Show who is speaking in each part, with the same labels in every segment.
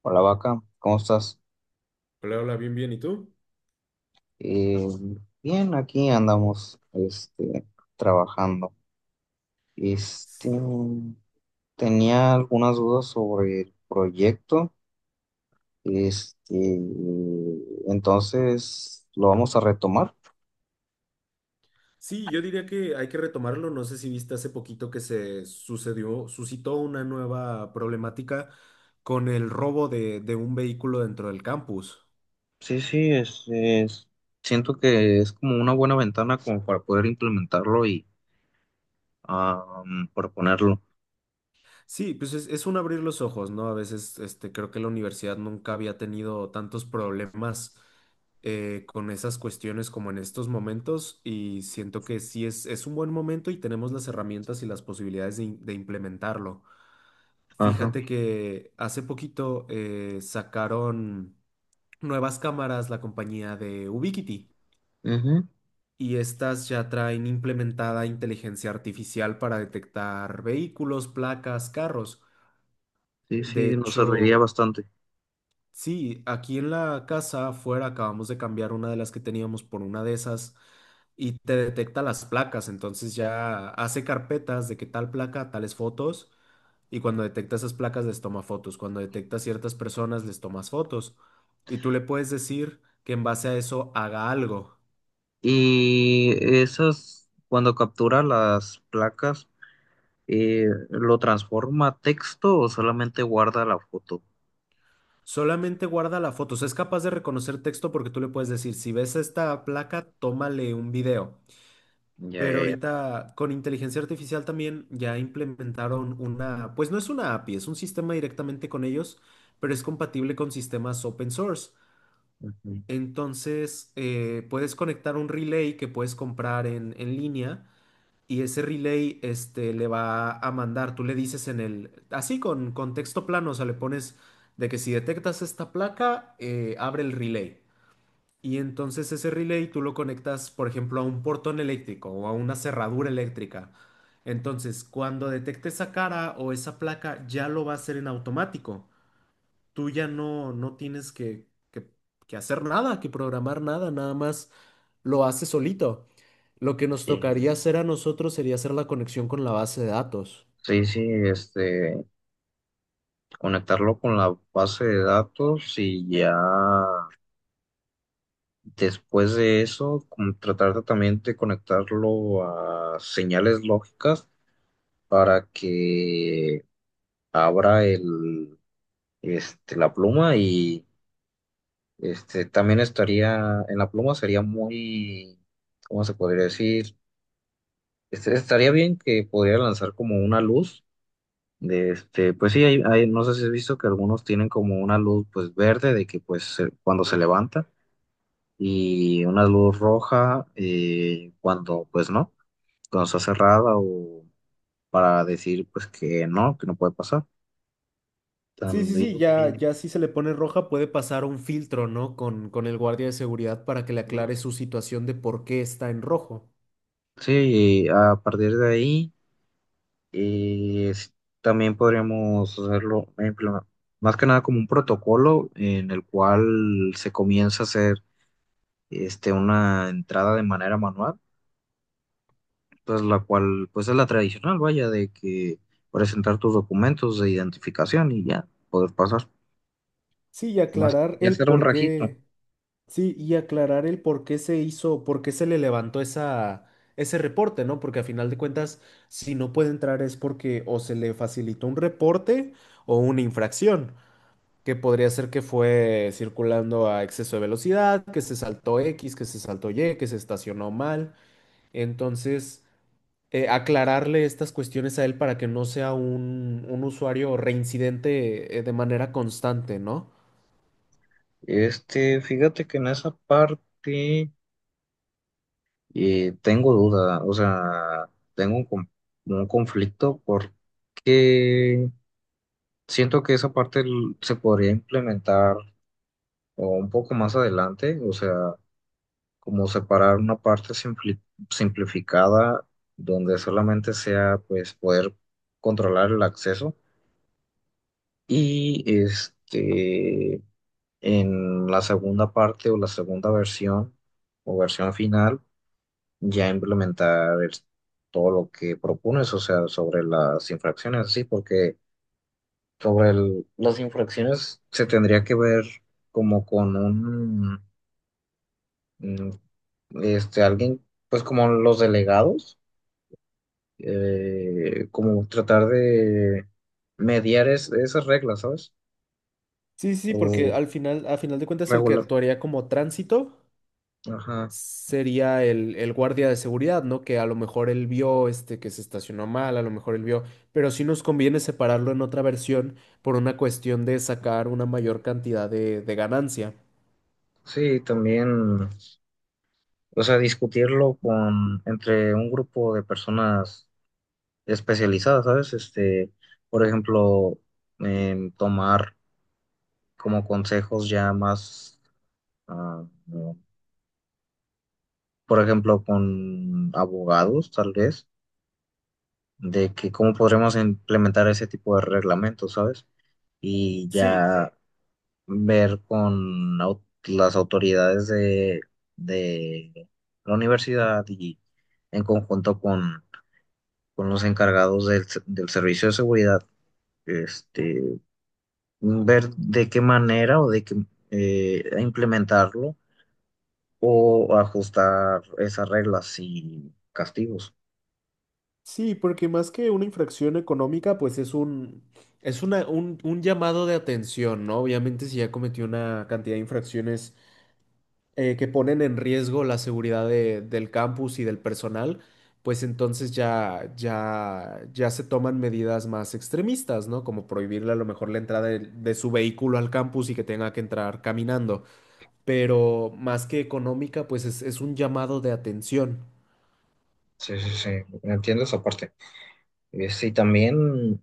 Speaker 1: Hola vaca, ¿cómo estás?
Speaker 2: Hola, hola, bien, bien. ¿Y tú?
Speaker 1: Eh, bien, aquí andamos, trabajando. Este, tenía algunas dudas sobre el proyecto, este, entonces lo vamos a retomar.
Speaker 2: Sí, yo diría que hay que retomarlo. No sé si viste hace poquito que suscitó una nueva problemática con el robo de un vehículo dentro del campus.
Speaker 1: Sí, sí, siento que es como una buena ventana como para poder implementarlo y ah, proponerlo.
Speaker 2: Sí, pues es un abrir los ojos, ¿no? A veces, este, creo que la universidad nunca había tenido tantos problemas con esas cuestiones como en estos momentos y siento que sí es un buen momento y tenemos las herramientas y las posibilidades de implementarlo.
Speaker 1: Ajá.
Speaker 2: Fíjate que hace poquito sacaron nuevas cámaras la compañía de Ubiquiti
Speaker 1: Ujú.
Speaker 2: y estas ya traen implementada inteligencia artificial para detectar vehículos, placas, carros.
Speaker 1: Sí, sí,
Speaker 2: De
Speaker 1: nos serviría
Speaker 2: hecho,
Speaker 1: bastante.
Speaker 2: sí, aquí en la casa afuera acabamos de cambiar una de las que teníamos por una de esas y te detecta las placas, entonces ya hace carpetas de que tal placa, tales fotos. Y cuando detecta esas placas, les toma fotos. Cuando detecta ciertas personas, les tomas fotos. Y tú le puedes decir que en base a eso haga algo.
Speaker 1: Y esas, cuando captura las placas, ¿lo transforma a texto o solamente guarda la foto?
Speaker 2: Solamente guarda la foto. O sea, es capaz de reconocer texto porque tú le puedes decir, si ves esta placa, tómale un video.
Speaker 1: Ya,
Speaker 2: Pero
Speaker 1: ya, ya.
Speaker 2: ahorita con inteligencia artificial también ya implementaron una, pues no es una API, es un sistema directamente con ellos, pero es compatible con sistemas open source.
Speaker 1: Ujú.
Speaker 2: Entonces, puedes conectar un relay que puedes comprar en línea y ese relay este, le va a mandar, tú le dices en el, así con texto plano, o sea, le pones de que si detectas esta placa, abre el relay. Y entonces ese relay tú lo conectas, por ejemplo, a un portón eléctrico o a una cerradura eléctrica. Entonces, cuando detecte esa cara o esa placa, ya lo va a hacer en automático. Tú ya no tienes que hacer nada, que programar nada, nada más lo hace solito. Lo que nos tocaría
Speaker 1: Eh,
Speaker 2: hacer a nosotros sería hacer la conexión con la base de datos.
Speaker 1: sí, sí, conectarlo con la base de datos y ya después de eso, como tratar de también de conectarlo a señales lógicas para que abra la pluma y también estaría, en la pluma sería muy, ¿cómo se podría decir? Estaría bien que podría lanzar como una luz. De pues sí, no sé si has visto que algunos tienen como una luz pues verde de que cuando se levanta y una luz roja cuando pues no, cuando está cerrada o para decir pues que no puede pasar.
Speaker 2: Sí, sí, sí, ya,
Speaker 1: También,
Speaker 2: ya si se le pone roja puede pasar un filtro, ¿no? Con el guardia de seguridad para que le aclare su situación de por qué está en rojo.
Speaker 1: sí, a partir de ahí. Y es- también podríamos hacerlo, más que nada como un protocolo en el cual se comienza a hacer una entrada de manera manual, entonces la cual pues es la tradicional, vaya, de que presentar tus documentos de identificación y ya poder pasar.
Speaker 2: Sí, y
Speaker 1: Más,
Speaker 2: aclarar
Speaker 1: y
Speaker 2: el
Speaker 1: hacer un
Speaker 2: por
Speaker 1: registro.
Speaker 2: qué. Sí, y aclarar el por qué se hizo, por qué se le levantó ese reporte, ¿no? Porque a final de cuentas, si no puede entrar es porque o se le facilitó un reporte o una infracción, que podría ser que fue circulando a exceso de velocidad, que se saltó X, que se saltó Y, que se estacionó mal. Entonces, aclararle estas cuestiones a él para que no sea un usuario reincidente, de manera constante, ¿no?
Speaker 1: Fíjate que en esa parte tengo duda, o sea, tengo un, con- un conflicto porque siento que esa parte se podría implementar o un poco más adelante, o sea, como separar una parte simplificada donde solamente sea pues poder controlar el acceso y en la segunda parte o la segunda versión o versión final ya todo lo que propones, o sea, sobre las infracciones, sí, porque las infracciones se tendría que ver como con un, mm, alguien, pues como los delegados, como tratar de mediar esas reglas, ¿sabes?
Speaker 2: Sí, sí, sí,
Speaker 1: Sí, sí.
Speaker 2: porque
Speaker 1: O
Speaker 2: al final, a final de cuentas, el que
Speaker 1: regular,
Speaker 2: actuaría como tránsito
Speaker 1: ajá.
Speaker 2: sería el guardia de seguridad, ¿no? Que a lo mejor él vio este que se estacionó mal, a lo mejor él vio, pero sí nos conviene separarlo en otra versión por una cuestión de sacar una mayor cantidad de ganancia.
Speaker 1: Sí, también, o sea, discutirlo con, entre un grupo de personas especializadas, ¿sabes? Por ejemplo, tomar como consejos ya más, ah, no, por ejemplo, con abogados, tal vez, de que cómo podremos implementar ese tipo de reglamentos, ¿sabes? Y
Speaker 2: Sí,
Speaker 1: ya ver con las autoridades de la universidad y en conjunto con los encargados del servicio de seguridad, este, ver de qué manera o de qué implementarlo o ajustar esas reglas y castigos.
Speaker 2: sí, porque más que una infracción económica, pues es una, un llamado de atención, ¿no? Obviamente, si ya cometió una cantidad de infracciones que ponen en riesgo la seguridad del campus y del personal, pues entonces ya, ya, ya se toman medidas más extremistas, ¿no? Como prohibirle a lo mejor la entrada de su vehículo al campus y que tenga que entrar caminando. Pero más que económica, pues es un llamado de atención.
Speaker 1: Sí, sí, sí, entiendo esa parte. Sí, también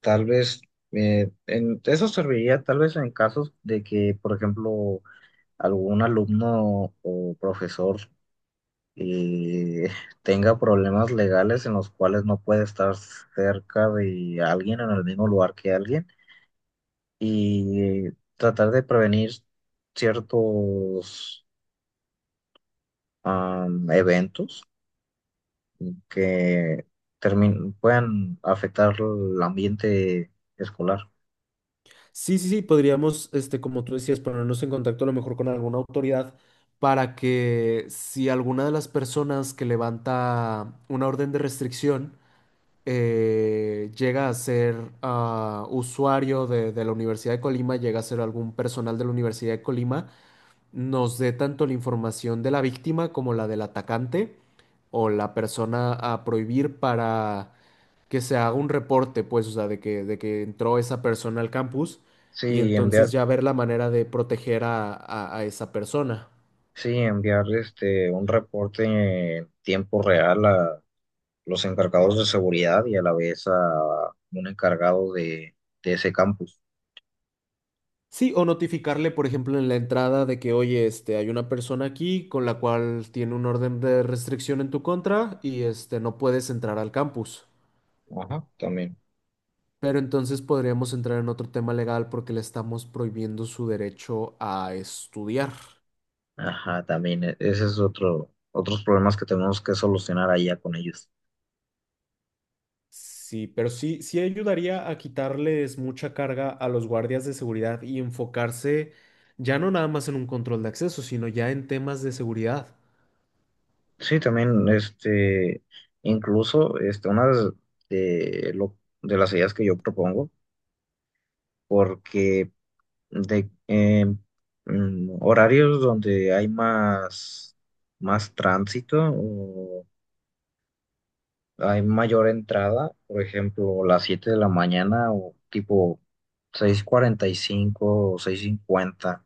Speaker 1: tal vez eso serviría tal vez en casos de que, por ejemplo, algún alumno o profesor eh, tenga problemas legales en los cuales no puede estar cerca de alguien en el mismo lugar que alguien y tratar de prevenir ciertos eventos. Que puedan afectar el ambiente escolar.
Speaker 2: Sí, sí, sí, podríamos, este, como tú decías, ponernos en contacto a lo mejor con alguna autoridad para que si alguna de las personas que levanta una orden de restricción llega a ser usuario de la Universidad de Colima, llega a ser algún personal de la Universidad de Colima, nos dé tanto la información de la víctima como la del atacante o la persona a prohibir para que se haga un reporte, pues, o sea, de que entró esa persona al campus y
Speaker 1: Sí,
Speaker 2: entonces
Speaker 1: enviar,
Speaker 2: ya ver la manera de proteger a a esa persona.
Speaker 1: sí, enviar un reporte en tiempo real a los encargados de seguridad y a la vez a un encargado de ese campus.
Speaker 2: Sí, o notificarle, por ejemplo, en la entrada de que, oye, este, hay una persona aquí con la cual tiene un orden de restricción en tu contra y este, no puedes entrar al campus.
Speaker 1: Ajá, también.
Speaker 2: Pero entonces podríamos entrar en otro tema legal porque le estamos prohibiendo su derecho a estudiar.
Speaker 1: Ajá, también. Ese es otro, otros problemas que tenemos que solucionar allá con ellos.
Speaker 2: Sí, pero sí, sí ayudaría a quitarles mucha carga a los guardias de seguridad y enfocarse ya no nada más en un control de acceso, sino ya en temas de seguridad.
Speaker 1: Sí, también, incluso, una de lo, de las ideas que yo propongo, porque de horarios donde hay más, más tránsito o hay mayor entrada, por ejemplo, las 7 de la mañana o tipo 6:45, o 6:50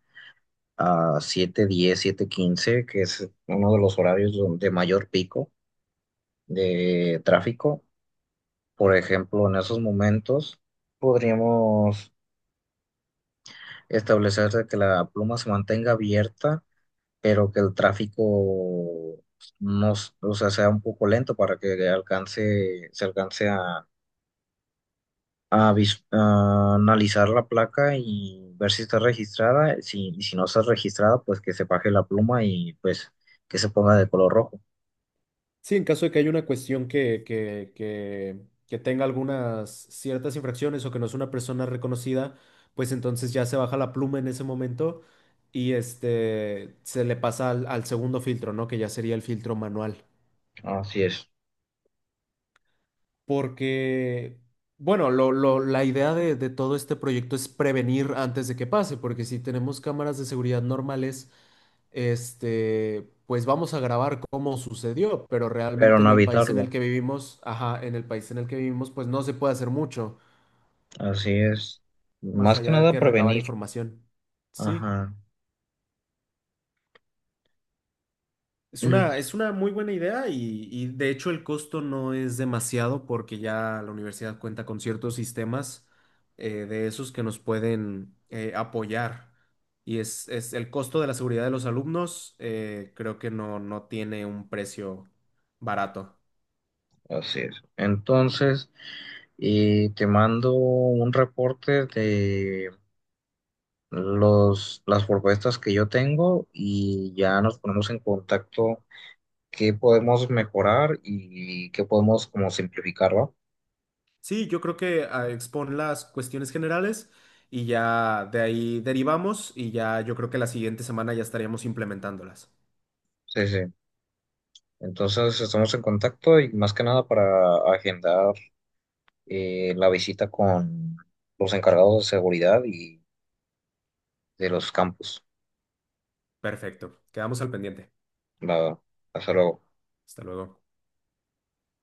Speaker 1: a 7:10, 7:15, que es uno de los horarios de mayor pico de tráfico. Por ejemplo, en esos momentos podríamos establecer de que la pluma se mantenga abierta pero que el tráfico pues, no, s- o sea, sea un poco lento para que alcance, se alcance a a analizar la placa y ver si está registrada. Si, y si no está registrada, pues que se baje la pluma y pues que se ponga de color rojo.
Speaker 2: Sí, en caso de que haya una cuestión que tenga algunas ciertas infracciones o que no es una persona reconocida, pues entonces ya se baja la pluma en ese momento y este se le pasa al segundo filtro, ¿no? Que ya sería el filtro manual.
Speaker 1: Así es.
Speaker 2: Porque, bueno, la idea de todo este proyecto es prevenir antes de que pase, porque si tenemos cámaras de seguridad normales, este, pues vamos a grabar cómo sucedió, pero
Speaker 1: Pero
Speaker 2: realmente en
Speaker 1: no
Speaker 2: el país en el
Speaker 1: evitarlo.
Speaker 2: que vivimos, ajá, en el país en el que vivimos, pues no se puede hacer mucho,
Speaker 1: Así es.
Speaker 2: más
Speaker 1: Más que
Speaker 2: allá de
Speaker 1: nada
Speaker 2: que recabar
Speaker 1: prevenir.
Speaker 2: información. Sí,
Speaker 1: Ajá. Mm.
Speaker 2: es una muy buena idea y de hecho el costo no es demasiado porque ya la universidad cuenta con ciertos sistemas de esos que nos pueden apoyar. Y es el costo de la seguridad de los alumnos, creo que no tiene un precio barato.
Speaker 1: Así es. Entonces, te mando un reporte de los, las propuestas que yo tengo y ya nos ponemos en contacto qué podemos mejorar y qué podemos como simplificar, ¿va?
Speaker 2: Sí, yo creo que expon las cuestiones generales y ya de ahí derivamos y ya yo creo que la siguiente semana ya estaríamos implementándolas.
Speaker 1: Sí, sí. Entonces estamos en contacto y más que nada para agendar la visita con los encargados de seguridad y de los campus.
Speaker 2: Perfecto, quedamos al pendiente.
Speaker 1: Va, hasta luego.
Speaker 2: Hasta luego.